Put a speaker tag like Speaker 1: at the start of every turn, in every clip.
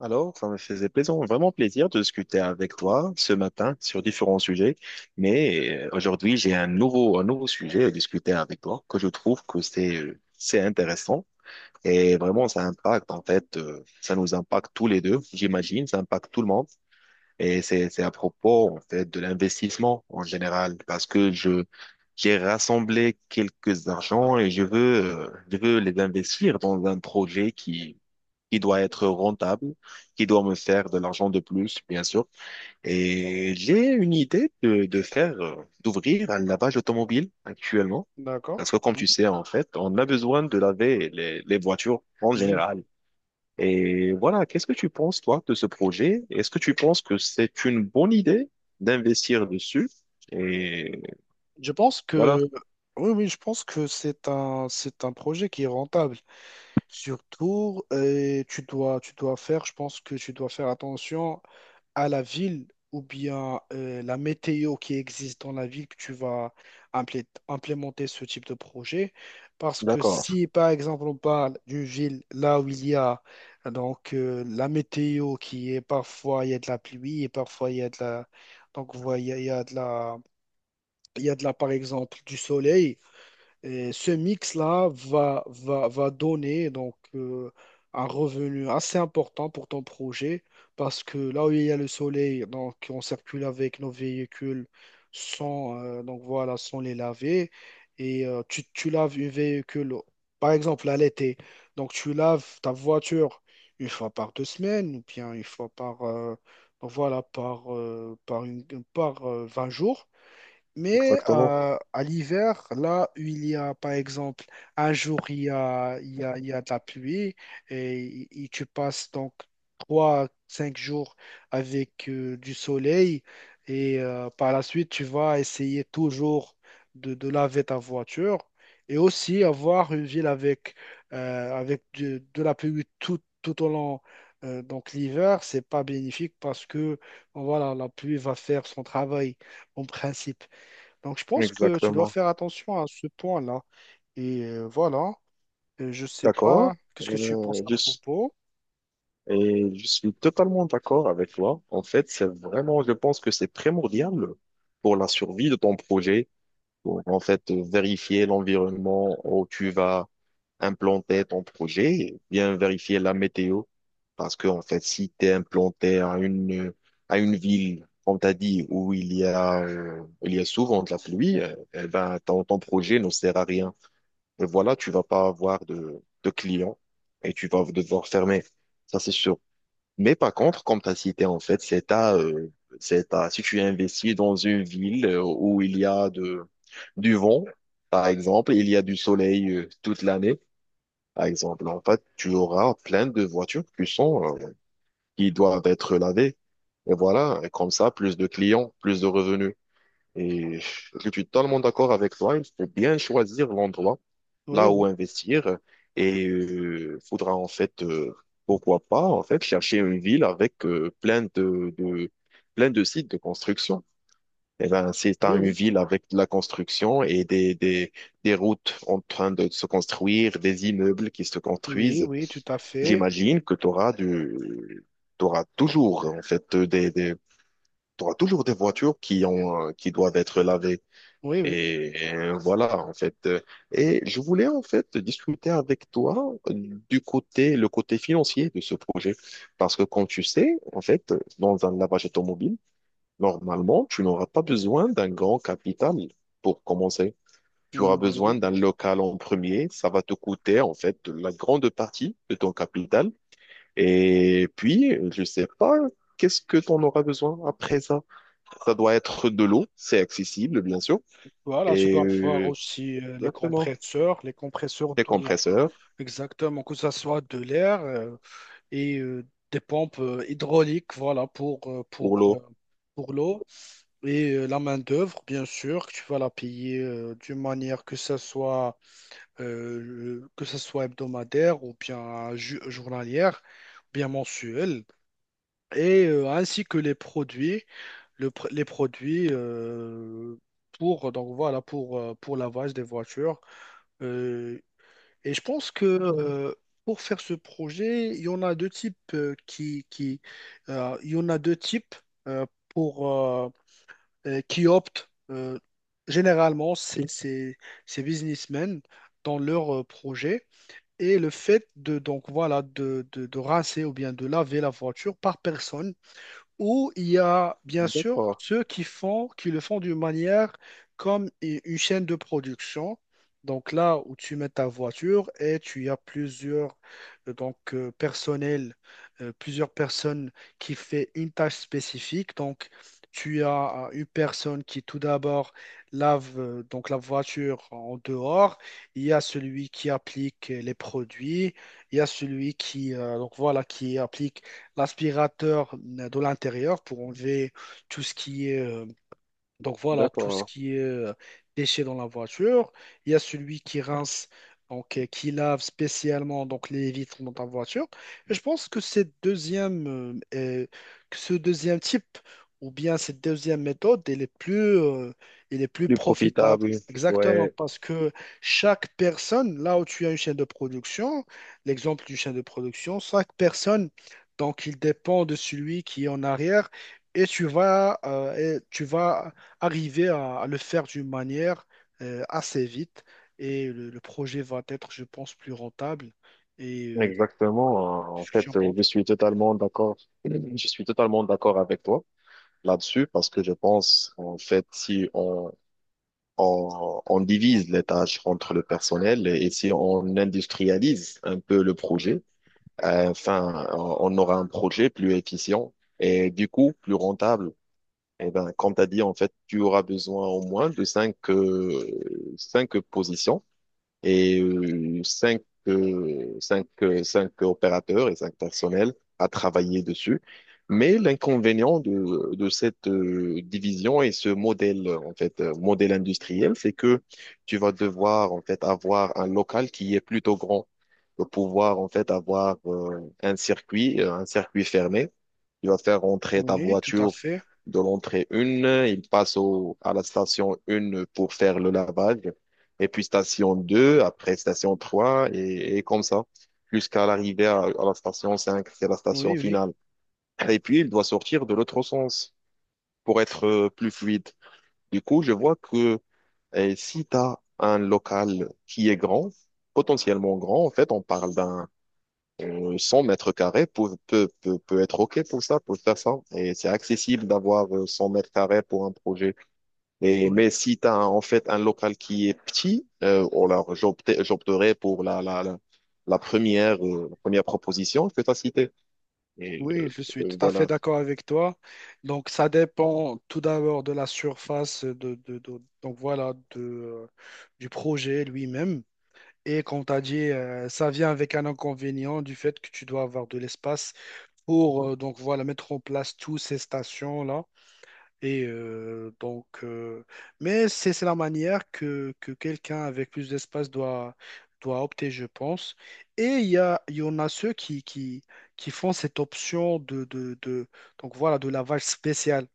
Speaker 1: Alors, ça me faisait plaisir, vraiment plaisir de discuter avec toi ce matin sur différents sujets. Mais aujourd'hui, j'ai un nouveau sujet à discuter avec toi que je trouve que c'est intéressant et vraiment ça impacte, en fait, ça nous impacte tous les deux, j'imagine, ça impacte tout le monde. Et c'est à propos, en fait, de l'investissement en général parce que j'ai rassemblé quelques argents et je veux les investir dans un projet qui doit être rentable, qui doit me faire de l'argent de plus, bien sûr. Et j'ai une idée de faire, d'ouvrir un lavage automobile actuellement. Parce
Speaker 2: D'accord.
Speaker 1: que comme tu
Speaker 2: Mm.
Speaker 1: sais, en fait, on a besoin de laver les voitures en
Speaker 2: Oui, oui.
Speaker 1: général. Et voilà, qu'est-ce que tu penses, toi, de ce projet? Est-ce que tu penses que c'est une bonne idée d'investir dessus? Et
Speaker 2: Je pense
Speaker 1: voilà.
Speaker 2: que oui, oui, je pense que c'est un projet qui est rentable. Surtout, je pense que tu dois faire attention à la ville ou bien la météo qui existe dans la ville que tu vas implémenter ce type de projet. Parce que
Speaker 1: D'accord,
Speaker 2: si, par exemple, on parle d'une ville là où il y a la météo qui est parfois il y a de la pluie et parfois il y a de la donc voilà, il y a de la il y a de là, par exemple, du soleil. Et ce mix-là va donner un revenu assez important pour ton projet parce que là où il y a le soleil, donc, on circule avec nos véhicules sans, donc, voilà, sans les laver. Et tu laves un véhicule, par exemple, à l'été. Donc, tu laves ta voiture une fois par deux semaines ou bien une fois par, donc, voilà, par, par, une, par 20 jours. Mais
Speaker 1: exactement,
Speaker 2: à l'hiver, là où il y a, par exemple, un jour, il y a de la pluie et tu passes donc trois, cinq jours avec du soleil et par la suite, tu vas essayer toujours de laver ta voiture et aussi avoir une ville avec, avec de la pluie tout, tout au long. Donc l'hiver, c'est pas bénéfique parce que voilà, la pluie va faire son travail en principe. Donc, je pense que tu dois
Speaker 1: exactement.
Speaker 2: faire attention à ce point-là. Et voilà. Je sais pas
Speaker 1: D'accord.
Speaker 2: qu'est-ce que tu penses à propos.
Speaker 1: Et je suis totalement d'accord avec toi. En fait, c'est vraiment, je pense que c'est primordial pour la survie de ton projet, pour en fait vérifier l'environnement où tu vas implanter ton projet, et bien vérifier la météo. Parce que, en fait, si tu es implanté à une ville, comme t'as dit, où il y a souvent de la pluie, eh ben, ton projet ne sert à rien. Et voilà, tu vas pas avoir de clients et tu vas devoir fermer. Ça, c'est sûr. Mais par contre, comme tu as cité, en fait, c'est à, si tu investis dans une ville où il y a du vent, par exemple, il y a du soleil toute l'année, par exemple, en fait, tu auras plein de voitures qui sont, qui doivent être lavées. Et voilà, et comme ça, plus de clients, plus de revenus. Et je suis totalement d'accord avec toi, il faut bien choisir l'endroit
Speaker 2: Oui,
Speaker 1: là où
Speaker 2: oui,
Speaker 1: investir. Et il faudra en fait, pourquoi pas, en fait, chercher une ville avec plein de sites de construction. Et ben, si tu
Speaker 2: oui,
Speaker 1: une
Speaker 2: oui,
Speaker 1: ville avec de la construction et des routes en train de se construire, des immeubles qui se
Speaker 2: oui,
Speaker 1: construisent,
Speaker 2: oui, tout à fait.
Speaker 1: j'imagine que tu auras t'auras toujours, en fait, t'auras toujours des voitures qui ont, qui doivent être lavées.
Speaker 2: Oui, oui.
Speaker 1: Et voilà, en fait. Et je voulais en fait discuter avec toi du côté, le côté financier de ce projet. Parce que comme tu sais, en fait, dans un lavage automobile, normalement, tu n'auras pas besoin d'un grand capital pour commencer. Tu auras
Speaker 2: Mm,
Speaker 1: besoin
Speaker 2: oui.
Speaker 1: d'un local en premier. Ça va te coûter, en fait, la grande partie de ton capital. Et puis, je sais pas, qu'est-ce que tu en auras besoin après ça? Ça doit être de l'eau. C'est accessible, bien sûr.
Speaker 2: Voilà, tu
Speaker 1: Et
Speaker 2: dois avoir
Speaker 1: euh,
Speaker 2: aussi
Speaker 1: Exactement.
Speaker 2: les compresseurs
Speaker 1: Des
Speaker 2: de,
Speaker 1: compresseurs
Speaker 2: exactement, que ça soit de l'air. Et euh, des pompes hydrauliques, voilà,
Speaker 1: pour l'eau.
Speaker 2: pour l'eau. Et la main-d'œuvre, bien sûr, que tu vas la payer d'une manière que ce soit, que ça soit hebdomadaire ou bien journalière, ou bien mensuelle. Et ainsi que les produits, les produits pour, donc voilà, pour lavage des voitures. Euh, et je pense que pour faire ce projet, il y en a deux types qui il y en a deux types pour qui optent généralement c'est ces businessmen dans leur projet et le fait de donc voilà de rincer ou bien de laver la voiture par personne ou il y a bien sûr
Speaker 1: D'accord,
Speaker 2: ceux qui font, qui le font d'une manière comme une chaîne de production. Donc là où tu mets ta voiture et tu as plusieurs personnels, plusieurs personnes qui fait une tâche spécifique. Donc tu as une personne qui tout d'abord lave donc la voiture en dehors. Il y a celui qui applique les produits. Il y a celui qui donc voilà qui applique l'aspirateur de l'intérieur pour enlever tout ce qui est donc voilà, tout ce
Speaker 1: d'accord.
Speaker 2: qui est déchets dans la voiture. Il y a celui qui rince, qui lave spécialement donc les vitres dans ta voiture. Et je pense que cette deuxième, que ce deuxième type ou bien cette deuxième méthode, elle est plus
Speaker 1: Plus
Speaker 2: profitable.
Speaker 1: profitable.
Speaker 2: Exactement,
Speaker 1: Ouais,
Speaker 2: parce que chaque personne, là où tu as une chaîne de production, l'exemple d'une chaîne de production, chaque personne, donc il dépend de celui qui est en arrière et tu vas arriver à le faire d'une manière assez vite et le projet va être, je pense, plus rentable. Et
Speaker 1: exactement. En
Speaker 2: qu'est-ce que tu en
Speaker 1: fait,
Speaker 2: penses?
Speaker 1: je suis totalement d'accord. Je suis totalement d'accord avec toi là-dessus parce que je pense, en fait, si on, on divise les tâches entre le personnel et si on industrialise un peu le projet, enfin, on aura un projet plus efficient et du coup plus rentable. Eh ben, comme tu as dit, en fait, tu auras besoin au moins de 5 positions et cinq opérateurs et 5 personnels à travailler dessus. Mais l'inconvénient de cette division et ce modèle, en fait, modèle industriel, c'est que tu vas devoir, en fait, avoir un local qui est plutôt grand pour pouvoir, en fait, avoir un circuit fermé il va faire rentrer ta
Speaker 2: Oui, tout à
Speaker 1: voiture
Speaker 2: fait.
Speaker 1: de l'entrée 1, il passe à la station 1 pour faire le lavage, et puis station 2, après station 3 et comme ça, jusqu'à l'arrivée à la station 5 c'est la station
Speaker 2: Oui, oui,
Speaker 1: finale. Et puis, il doit sortir de l'autre sens pour être plus fluide. Du coup, je vois que si tu as un local qui est grand, potentiellement grand, en fait, on parle d'un 100 mètres carrés peut être OK pour ça, pour faire ça. Et c'est accessible d'avoir 100 mètres carrés pour un projet. Et,
Speaker 2: oui,
Speaker 1: mais si tu as en fait un local qui est petit, ou alors j'opterais pour la première proposition que tu as citée. Et
Speaker 2: oui, je suis tout à fait
Speaker 1: voilà.
Speaker 2: d'accord avec toi. Donc, ça dépend tout d'abord de la surface, de, donc voilà, de, du projet lui-même. Et comme tu as dit, ça vient avec un inconvénient du fait que tu dois avoir de l'espace pour donc voilà, mettre en place toutes ces stations-là. Et mais c'est la manière que quelqu'un avec plus d'espace doit, doit opter, je pense. Et il y a, il y en a ceux qui font cette option de, donc voilà, de lavage spécial.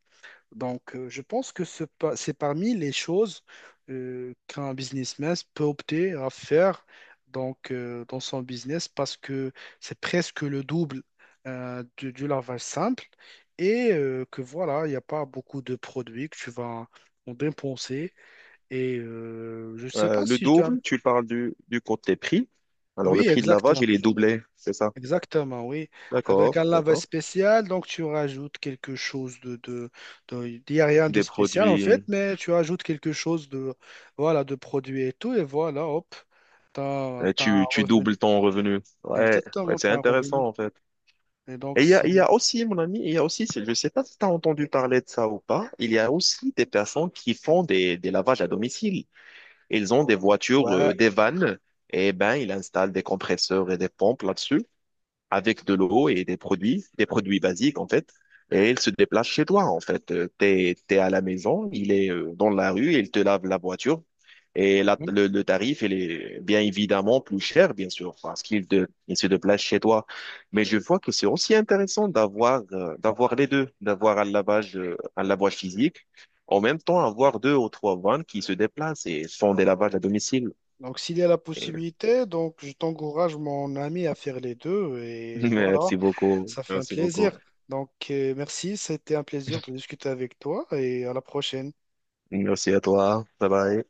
Speaker 2: Donc, je pense que c'est parmi les choses qu'un businessman peut opter à faire donc, dans son business parce que c'est presque le double du lavage simple et que voilà, il n'y a pas beaucoup de produits que tu vas en dépenser. Et je ne sais pas
Speaker 1: Le
Speaker 2: si tu as...
Speaker 1: double, tu parles du côté prix. Alors le
Speaker 2: Oui,
Speaker 1: prix de
Speaker 2: exact.
Speaker 1: lavage, il est doublé, c'est ça?
Speaker 2: Exactement, oui. Avec un
Speaker 1: D'accord,
Speaker 2: lavage
Speaker 1: d'accord.
Speaker 2: spécial, donc tu rajoutes quelque chose de, il n'y a rien de
Speaker 1: Des
Speaker 2: spécial en fait,
Speaker 1: produits,
Speaker 2: mais tu rajoutes quelque chose de, voilà, de produit et tout, et voilà, hop, t'as un
Speaker 1: tu
Speaker 2: revenu.
Speaker 1: doubles ton revenu. Ouais, ouais,
Speaker 2: Exactement,
Speaker 1: c'est
Speaker 2: t'as un revenu.
Speaker 1: intéressant en fait.
Speaker 2: Et donc,
Speaker 1: Et il y
Speaker 2: si,
Speaker 1: a aussi, mon ami, il y a aussi, je ne sais pas si tu as entendu parler de ça ou pas, il y a aussi des personnes qui font des lavages à domicile. Ils ont des voitures,
Speaker 2: ouais.
Speaker 1: des vannes, et ben, ils installent des compresseurs et des pompes là-dessus avec de l'eau et des produits basiques en fait, et il se déplace chez toi en fait. T'es à la maison, il est dans la rue, il te lave la voiture et
Speaker 2: Mhm.
Speaker 1: le tarif il est bien évidemment plus cher bien sûr parce il se déplace chez toi. Mais je vois que c'est aussi intéressant d'avoir d'avoir les deux, d'avoir un lavage physique. En même temps, avoir deux ou trois vannes qui se déplacent et font des lavages à domicile.
Speaker 2: Donc, s'il y a la
Speaker 1: Et-
Speaker 2: possibilité, donc, je t'encourage, mon ami, à faire les deux, et voilà,
Speaker 1: Merci beaucoup.
Speaker 2: ça fait un
Speaker 1: Merci beaucoup.
Speaker 2: plaisir. Donc, merci, c'était un plaisir de discuter avec toi, et à la prochaine.
Speaker 1: Merci à toi. Bye bye.